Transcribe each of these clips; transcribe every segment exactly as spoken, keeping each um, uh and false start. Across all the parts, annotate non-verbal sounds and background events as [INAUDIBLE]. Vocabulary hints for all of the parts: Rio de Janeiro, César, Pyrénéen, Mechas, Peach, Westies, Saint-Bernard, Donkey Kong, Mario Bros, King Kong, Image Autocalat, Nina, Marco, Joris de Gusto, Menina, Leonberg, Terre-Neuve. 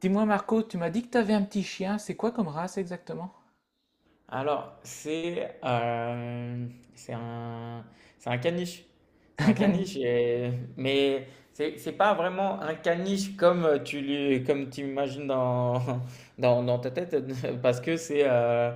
Dis-moi Marco, tu m'as dit que tu avais un petit chien, c'est quoi comme race exactement? Alors, c'est euh, c'est un, c'est un caniche. [LAUGHS] C'est Un un caniche, caniche. et- mais c'est c'est pas vraiment un caniche comme tu l'im- comme tu imagines dans, [LAUGHS] dans, dans ta tête, [LAUGHS] parce que c'est euh,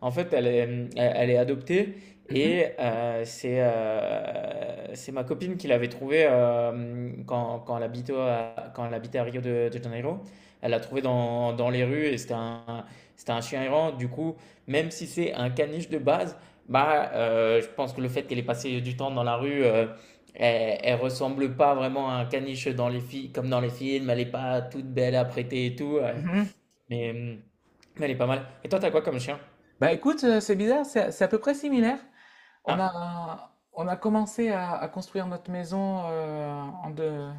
en fait elle est, elle elle est adoptée Mhm, et euh, c'est euh, c'est ma copine qui l'avait trouvée euh, quand, quand elle habitait à, quand elle habitait à Rio de, de Janeiro. Elle l'a trouvée dans, dans les rues et c'était un c'était un chien errant. Du coup même si c'est un caniche de base, bah, euh, je pense que le fait qu'elle ait passé du temps dans la rue, euh, elle, elle ressemble pas vraiment à un caniche dans les filles, comme dans les films. Elle est pas toute belle à prêter et tout. euh, mhm. mais, hum, mais elle est pas mal. Et toi, t'as quoi comme chien? Bah écoute, euh, c'est bizarre, c'est c'est à peu près similaire. On Ah, a, on a commencé à, à construire notre maison euh, en de-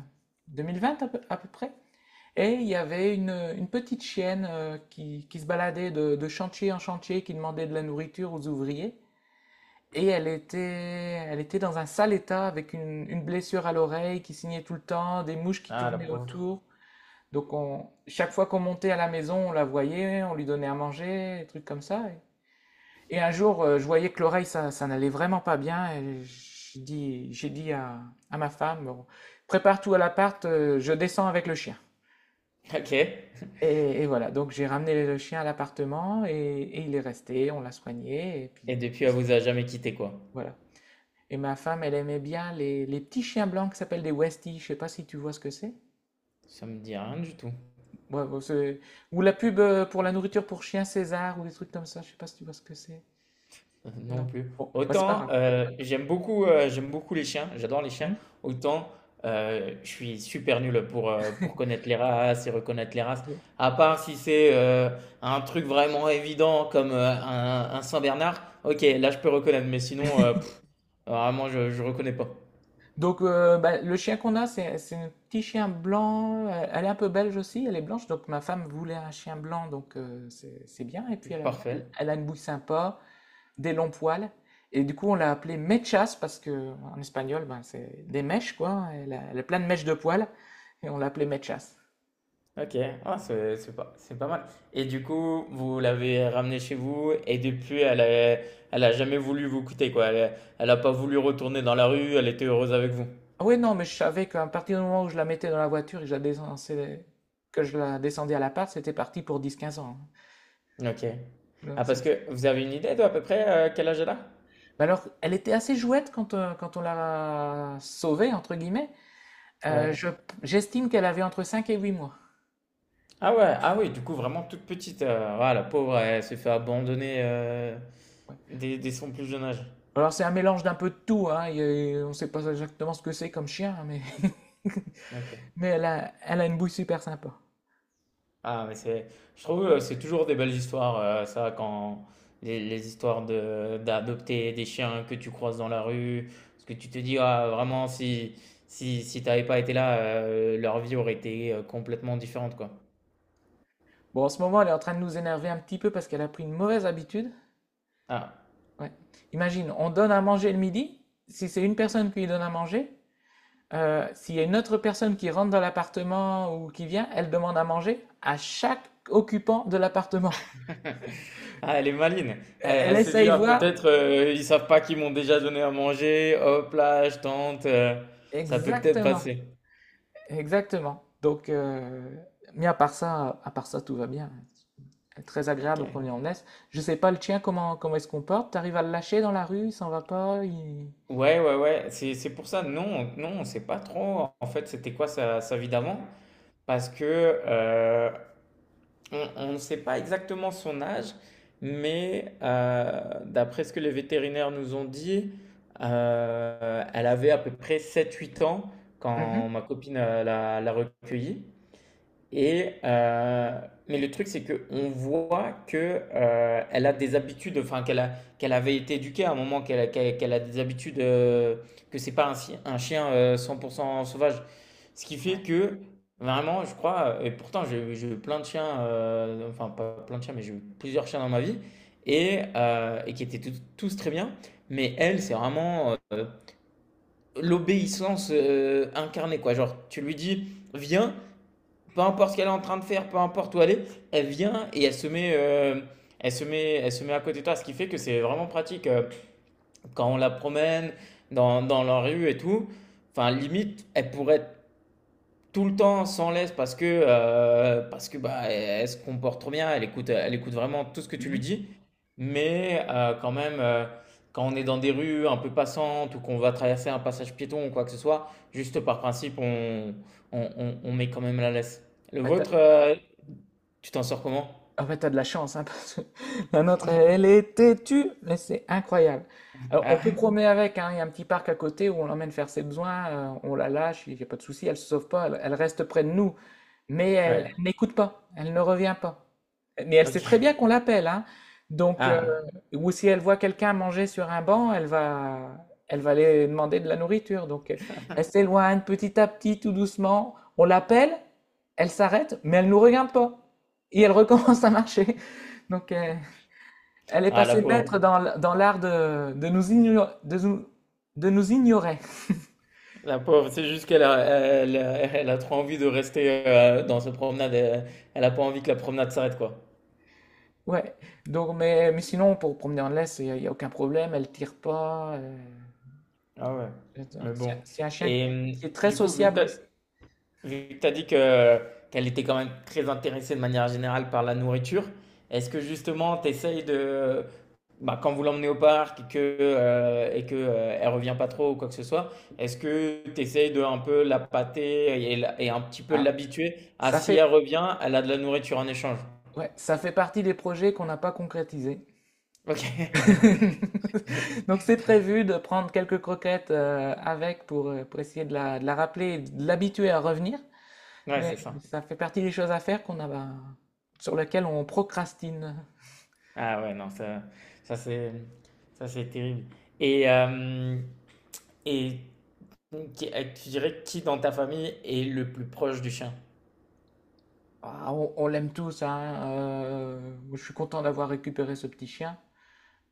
deux mille vingt à peu, à peu près. Et il y avait une, une petite chienne euh, qui, qui se baladait de, de chantier en chantier, qui demandait de la nourriture aux ouvriers. Et elle était, elle était dans un sale état avec une, une blessure à l'oreille qui signait tout le temps, des mouches qui ah, la tournaient pauvre. autour. Donc on, chaque fois qu'on montait à la maison, on la voyait, on lui donnait à manger, des trucs comme ça. Et un jour, euh, je voyais que l'oreille, ça, ça n'allait vraiment pas bien. Et j'ai dit, j'ai dit à, à ma femme: «Bon, prépare tout à l'appart, euh, je descends avec le chien.» [LAUGHS] Ok. Et Et, et voilà, donc j'ai ramené le chien à l'appartement et, et il est resté, on l'a soigné. Et puis depuis, elle vous a jamais quitté, quoi. voilà. Et ma femme, elle aimait bien les, les petits chiens blancs qui s'appellent des Westies. Je ne sais pas si tu vois ce que c'est. Ça me dit rien du tout. Ouais, bon, c'est- ou la pub euh, pour la nourriture pour chien César ou des trucs comme ça, je sais pas si tu vois ce que c'est. [LAUGHS] Non Non. plus. Bon, bah, c'est pas Autant grave. euh, j'aime beaucoup, euh, j'aime beaucoup les chiens, j'adore les chiens, Hmm. autant euh, je suis super nul pour, euh, pour [LAUGHS] connaître les races et reconnaître les races. Ouais. À part si c'est euh, un truc vraiment évident comme euh, un, un Saint-Bernard, ok, là je peux reconnaître, mais sinon, euh, pff, vraiment, je, je reconnais pas. Donc, euh, bah, le chien qu'on a, c'est c'est un petit chien blanc. Elle elle est un peu belge aussi, elle est blanche. Donc, ma femme voulait un chien blanc, donc euh, c'est c'est bien. Et puis, elle a, elle- Parfait. elle a une bouille sympa, des longs poils. Et du coup, on l'a appelée Mechas parce que en espagnol, ben, c'est des mèches, quoi. Elle a, elle a plein de mèches de poils. Et on l'a appelée Mechas. Ok, ah, c'est c'est pas, c'est pas mal. Et du coup, vous l'avez ramenée chez vous et depuis, elle a, elle a jamais voulu vous quitter, quoi. Elle, elle a pas voulu retourner dans la rue, elle était heureuse avec vous. Ah ouais, non, mais je savais qu'à partir du moment où je la mettais dans la voiture et que je la descendais, que je la descendais à l'appart, c'était parti pour dix quinze ans, hein. OK. Donc Ah ça, parce que c'est- vous avez une idée de à peu près, heu, quel âge elle a? Mais alors, elle était assez jouette quand, euh, quand on l'a sauvée, entre guillemets. Ouais. Euh, je- J'estime qu'elle avait entre cinq et huit mois. Ah ouais, ah oui, du coup Ouais, vraiment toute petite, heu, ah la pauvre, elle s'est fait abandonner, heu, ouais. dès dès son plus jeune âge. Alors, c'est un mélange d'un peu de tout, hein. Il y a- on ne sait pas exactement ce que c'est comme chien, hein, mais... [LAUGHS] OK. Mais elle a, elle a une bouille super sympa. Ah mais c'est je trouve, heu, c'est toujours des belles histoires, heu, ça quand les les histoires de d'adopter des chiens que tu croises dans la rue, parce que tu te dis: «Ah vraiment si si si t'avais pas été là, heu, leur vie aurait été, heu, complètement différente quoi». Bon, en ce moment, elle est en train de nous énerver un petit peu parce qu'elle a pris une mauvaise habitude. Ah. Ouais. Imagine, on donne à manger le midi. Si c'est une personne qui lui donne à manger, euh, s'il y a une autre personne qui rentre dans l'appartement ou qui vient, elle demande à manger à chaque occupant de l'appartement. Ah, elle est maline. Euh, Elle, Elle elle s'est dit, essaye ah, voir. peut-être euh, ils savent pas qu'ils m'ont déjà donné à manger. Hop là, je tente. euh, ça peut peut-être Exactement. passer. Exactement. Donc, euh, mais à part ça, à part ça, tout va bien. Très Ok. agréable qu'on lui en laisse. Je sais pas le tien, comment, comment il se comporte. T'arrives à le lâcher dans la rue, il s'en va pas, il... Ouais, ouais, ouais. C'est, c'est pour ça. Non, non, on sait pas trop. En fait, c'était quoi sa, sa vie d'avant? Parce que euh, on on ne sait pas exactement son âge, mais euh, d'après ce que les vétérinaires nous ont dit, euh, elle avait à peu près sept huit ans quand Mhm. ma copine euh, l'a l'a recueillie. Et euh, mais le truc, c'est qu'on voit que euh, elle a des habitudes, enfin qu'elle a, qu'elle avait été éduquée à un moment, qu'elle a, qu'elle qu'elle a des habitudes, euh, que c'est pas un, chi- un chien euh, cent pour cent sauvage. Ce qui Ouais. fait que vraiment, je crois, et pourtant j'ai eu j'ai eu plein de chiens, euh, enfin pas plein de chiens, mais j'ai eu plusieurs chiens dans ma vie, et, euh, et qui étaient tous tous très bien. Mais elle, c'est vraiment euh, l'obéissance euh, incarnée, quoi. Genre, tu lui dis, viens peu importe ce qu'elle est en train de faire, peu importe où elle est, elle vient et elle se met, euh, elle se met, elle se met à côté de toi, ce qui fait que c'est vraiment pratique euh, quand on la promène dans, dans la rue et tout. Enfin, limite, elle pourrait être tout le temps sans laisse parce que, euh, parce que bah, elle, elle se comporte trop bien, elle écoute, elle écoute vraiment tout ce que tu lui Mhm. dis. Mais euh, quand même, euh, quand on est dans des rues un peu passantes ou qu'on va traverser un passage piéton ou quoi que ce soit, juste par principe, on, on, on- on met quand même la laisse. Le Bah, t'as... vôtre, euh, tu t'en sors comment? Ah bah, t'as de la chance, hein, parce que [LAUGHS] la nôtre, elle est têtue, mais c'est incroyable. Alors, on Ah peut ouais? promener avec, hein, il y a un petit parc à côté où on l'emmène faire ses besoins, euh, on la lâche, il n'y a pas de souci, elle se sauve pas, elle, elle reste près de nous. Mais elle Ouais. elle n'écoute pas, elle ne revient pas. Mais elle sait très Ok. bien qu'on l'appelle, hein. Donc, heu, Ah. ou si elle voit quelqu'un manger sur un banc, elle va elle va aller demander de la nourriture. Donc, heu, elle s'éloigne petit à petit, tout doucement. On l'appelle, elle s'arrête, mais elle nous regarde pas et elle [LAUGHS] recommence à marcher. Donc, heu, elle est Ah, la passée pauvre. maître dans l dans l'art de de nous igno de nous de nous ignorer. La pauvre, c'est juste qu'elle a, elle, elle a trop envie de rester euh, dans cette promenade. Elle, elle a pas envie que la promenade s'arrête, quoi. Ouais, donc mais mais sinon pour promener en laisse, il y a y a aucun problème, elle tire pas, heu Ah ouais. Mais bon. C'est un chien Et euh, qui est très du coup, vu que sociable t'as- aussi. Vu que tu as dit que, qu'elle était quand même très intéressée de manière générale par la nourriture, est-ce que justement tu essayes de, bah, quand vous l'emmenez au parc et que, euh, et que, euh, elle revient pas trop ou quoi que ce soit, est-ce que tu essayes de un peu la pâter et, la- et un petit peu Ah, l'habituer à ça si elle fait, revient, elle a de la nourriture en échange? ouais, ça fait partie des projets qu'on n'a pas concrétisés. Ok. [LAUGHS] [LAUGHS] Donc c'est prévu de prendre quelques croquettes euh, avec pour, euh, pour essayer de la, de la rappeler, et de l'habituer à revenir. Ouais, Mais c'est ça. ça fait partie des choses à faire qu'on a, bah, sur lesquelles on procrastine. Ah ouais, non, ça, ça c'est, ça c'est terrible. Et, euh, Et qui- euh, tu dirais qui dans ta famille est le plus proche du chien? Ah, on on l'aime tous, hein, euh, je suis content d'avoir récupéré ce petit chien.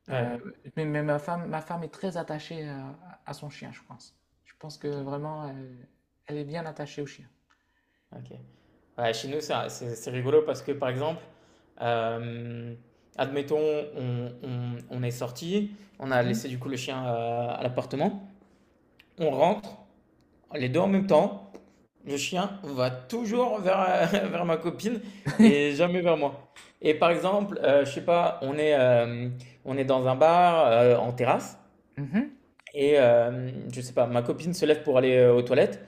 Ouais, Euh, mais, mais ma femme, ma femme est très attachée à, à son chien, je pense. Je pense ok, que vraiment, elle, elle est bien attachée au chien. ok. Ouais, chez nous, ça- c'est c'est rigolo parce que par exemple, euh, admettons, on, on- on est sorti, on a Mhm. laissé du coup le chien euh, à l'appartement, on rentre, les deux en même temps, le chien va toujours vers, [LAUGHS] vers ma copine et [LAUGHS] jamais vers moi. Et par exemple, euh, je sais pas, on est, euh, on est dans un bar euh, en terrasse. Mhm. Et euh, je sais pas, ma copine se lève pour aller euh, aux toilettes.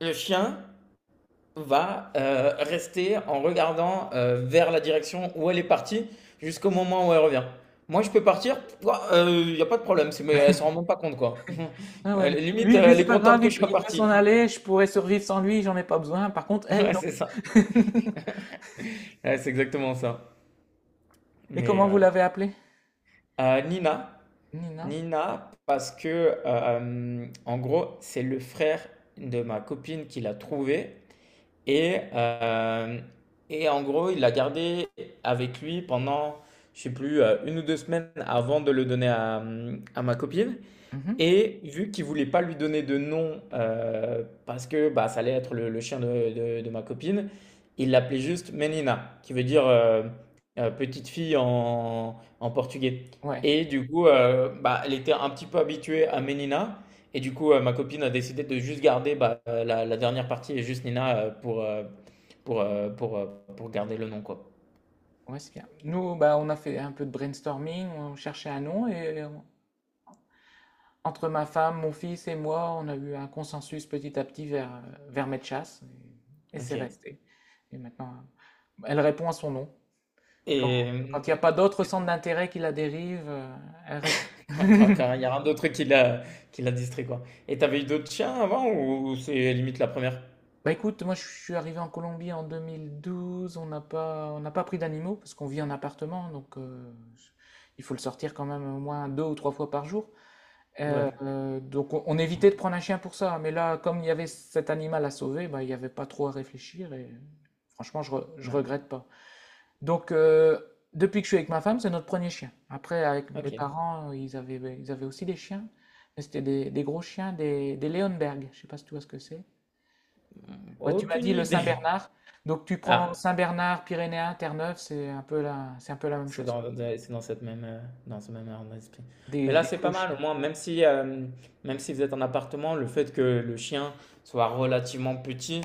Le chien va euh, rester en regardant euh, vers la direction où elle est partie jusqu'au moment où elle revient. Moi, je peux partir, il n'y a pas de problème, c'est- mais elle ne s'en rend même pas compte, quoi. [LAUGHS] Ah Euh, ouais, Limite, lui, euh, lui elle c'est est pas contente grave, que il, je peut sois il peut s'en parti. aller, je pourrais survivre sans lui, j'en ai pas besoin. Par contre, [LAUGHS] elle, Ouais, non. c'est ça. Ouais, c'est exactement ça. Et Mais comment vous ouais. l'avez appelée? Euh, Nina. Nina? Nina, parce que, euh, en gros, c'est le frère de ma copine qui l'a trouvée. Et, euh, et en gros, il l'a gardé avec lui pendant, je sais plus, euh, une ou deux semaines avant de le donner à, à ma copine. Mhm. Et vu qu'il voulait pas lui donner de nom euh, parce que bah, ça allait être le, le chien de, de- de ma copine, il l'appelait juste Menina, qui veut dire euh, euh, petite fille en, en portugais. Ouais, Et du coup, euh, bah, elle était un petit peu habituée à Menina. Et du coup, euh, ma copine a décidé de juste garder bah, euh, la, la dernière partie et juste Nina euh, pour, euh, pour, euh, pour, euh, pour garder le nom, quoi. ouais, c'est bien. Nous, bah, on a fait un peu de brainstorming, on cherchait un nom et on, entre ma femme, mon fils et moi, on a eu un consensus petit à petit vers, euh, vers Medchas, et, et c'est Ok. resté. Et maintenant, euh, elle répond à son nom. Quand, Et, quand il n'y a euh, pas d'autres centres d'intérêt qui la dérivent, euh, elle répond. Quand, quand- [LAUGHS] quand il y a un d'autre truc qui l'a qui l'a distrait, quoi. Et t'avais eu d'autres chiens avant ou c'est limite la première? Bah écoute, moi je suis arrivé en Colombie en deux mille douze, on n'a pas, on n'a pas pris d'animaux parce qu'on vit en appartement, donc euh, il faut le sortir quand même au moins deux ou trois fois par jour. Ouais. Euh, donc on, on évitait de prendre un chien pour ça, hein. Mais là, comme il y avait cet animal à sauver, bah, il n'y avait pas trop à réfléchir et franchement, je, re- je Ouais. regrette pas. Donc euh, depuis que je suis avec ma femme, c'est notre premier chien. Après, avec mes Ok. parents, ils avaient, bah, ils avaient aussi des chiens, mais c'était des, des gros chiens, des, des Leonberg. Je sais pas si tu vois ce que c'est. Ouais, tu m'as dit Aucune le idée. [LAUGHS] Saint-Bernard. Donc tu prends Ah, Saint-Bernard, Pyrénéen, Terre-Neuve, c'est un peu la, c'est un peu la même c'est chose, quoi. dans, de- c'est dans cette même, euh, dans ce même ordre d'esprit. Mais Des, là, des c'est pas gros mal. chiens. Au moins, même si, euh, même si vous êtes en appartement, le fait que le chien soit relativement petit,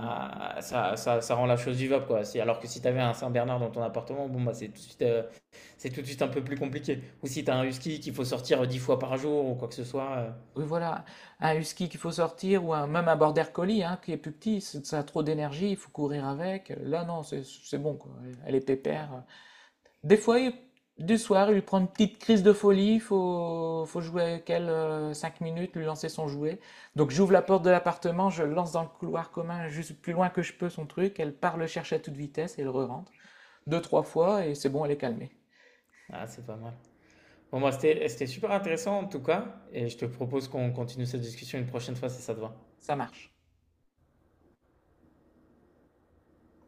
Ouais. ça, ça, ça rend la chose vivable, quoi. Si- alors que si t'avais un Saint-Bernard dans ton appartement, bon, bah, c'est tout de suite, euh, c'est tout de suite un peu plus compliqué. Ou si tu as un husky qu'il faut sortir euh, dix fois par jour ou quoi que ce soit. euh, Oui, voilà, un husky qu'il faut sortir ou un, même un border collie hein, qui est plus petit, c'est- ça a trop d'énergie, il faut courir avec. Là, non, c'est c'est bon, quoi. Elle est voilà. pépère. Des fois, il- du soir, il lui prend une petite crise de folie, il faut, faut jouer avec elle euh, cinq minutes, lui lancer son jouet. Donc, j'ouvre la porte de l'appartement, je lance dans le couloir commun, juste plus loin que je peux son truc, elle part le chercher à toute vitesse et elle re-rentre. Deux, trois fois, et c'est bon, elle est calmée. Ah, c'est pas mal. Bon, moi, c'était c'était super intéressant en tout cas. Et je te propose qu'on continue cette discussion une prochaine fois si ça te va. Ça marche.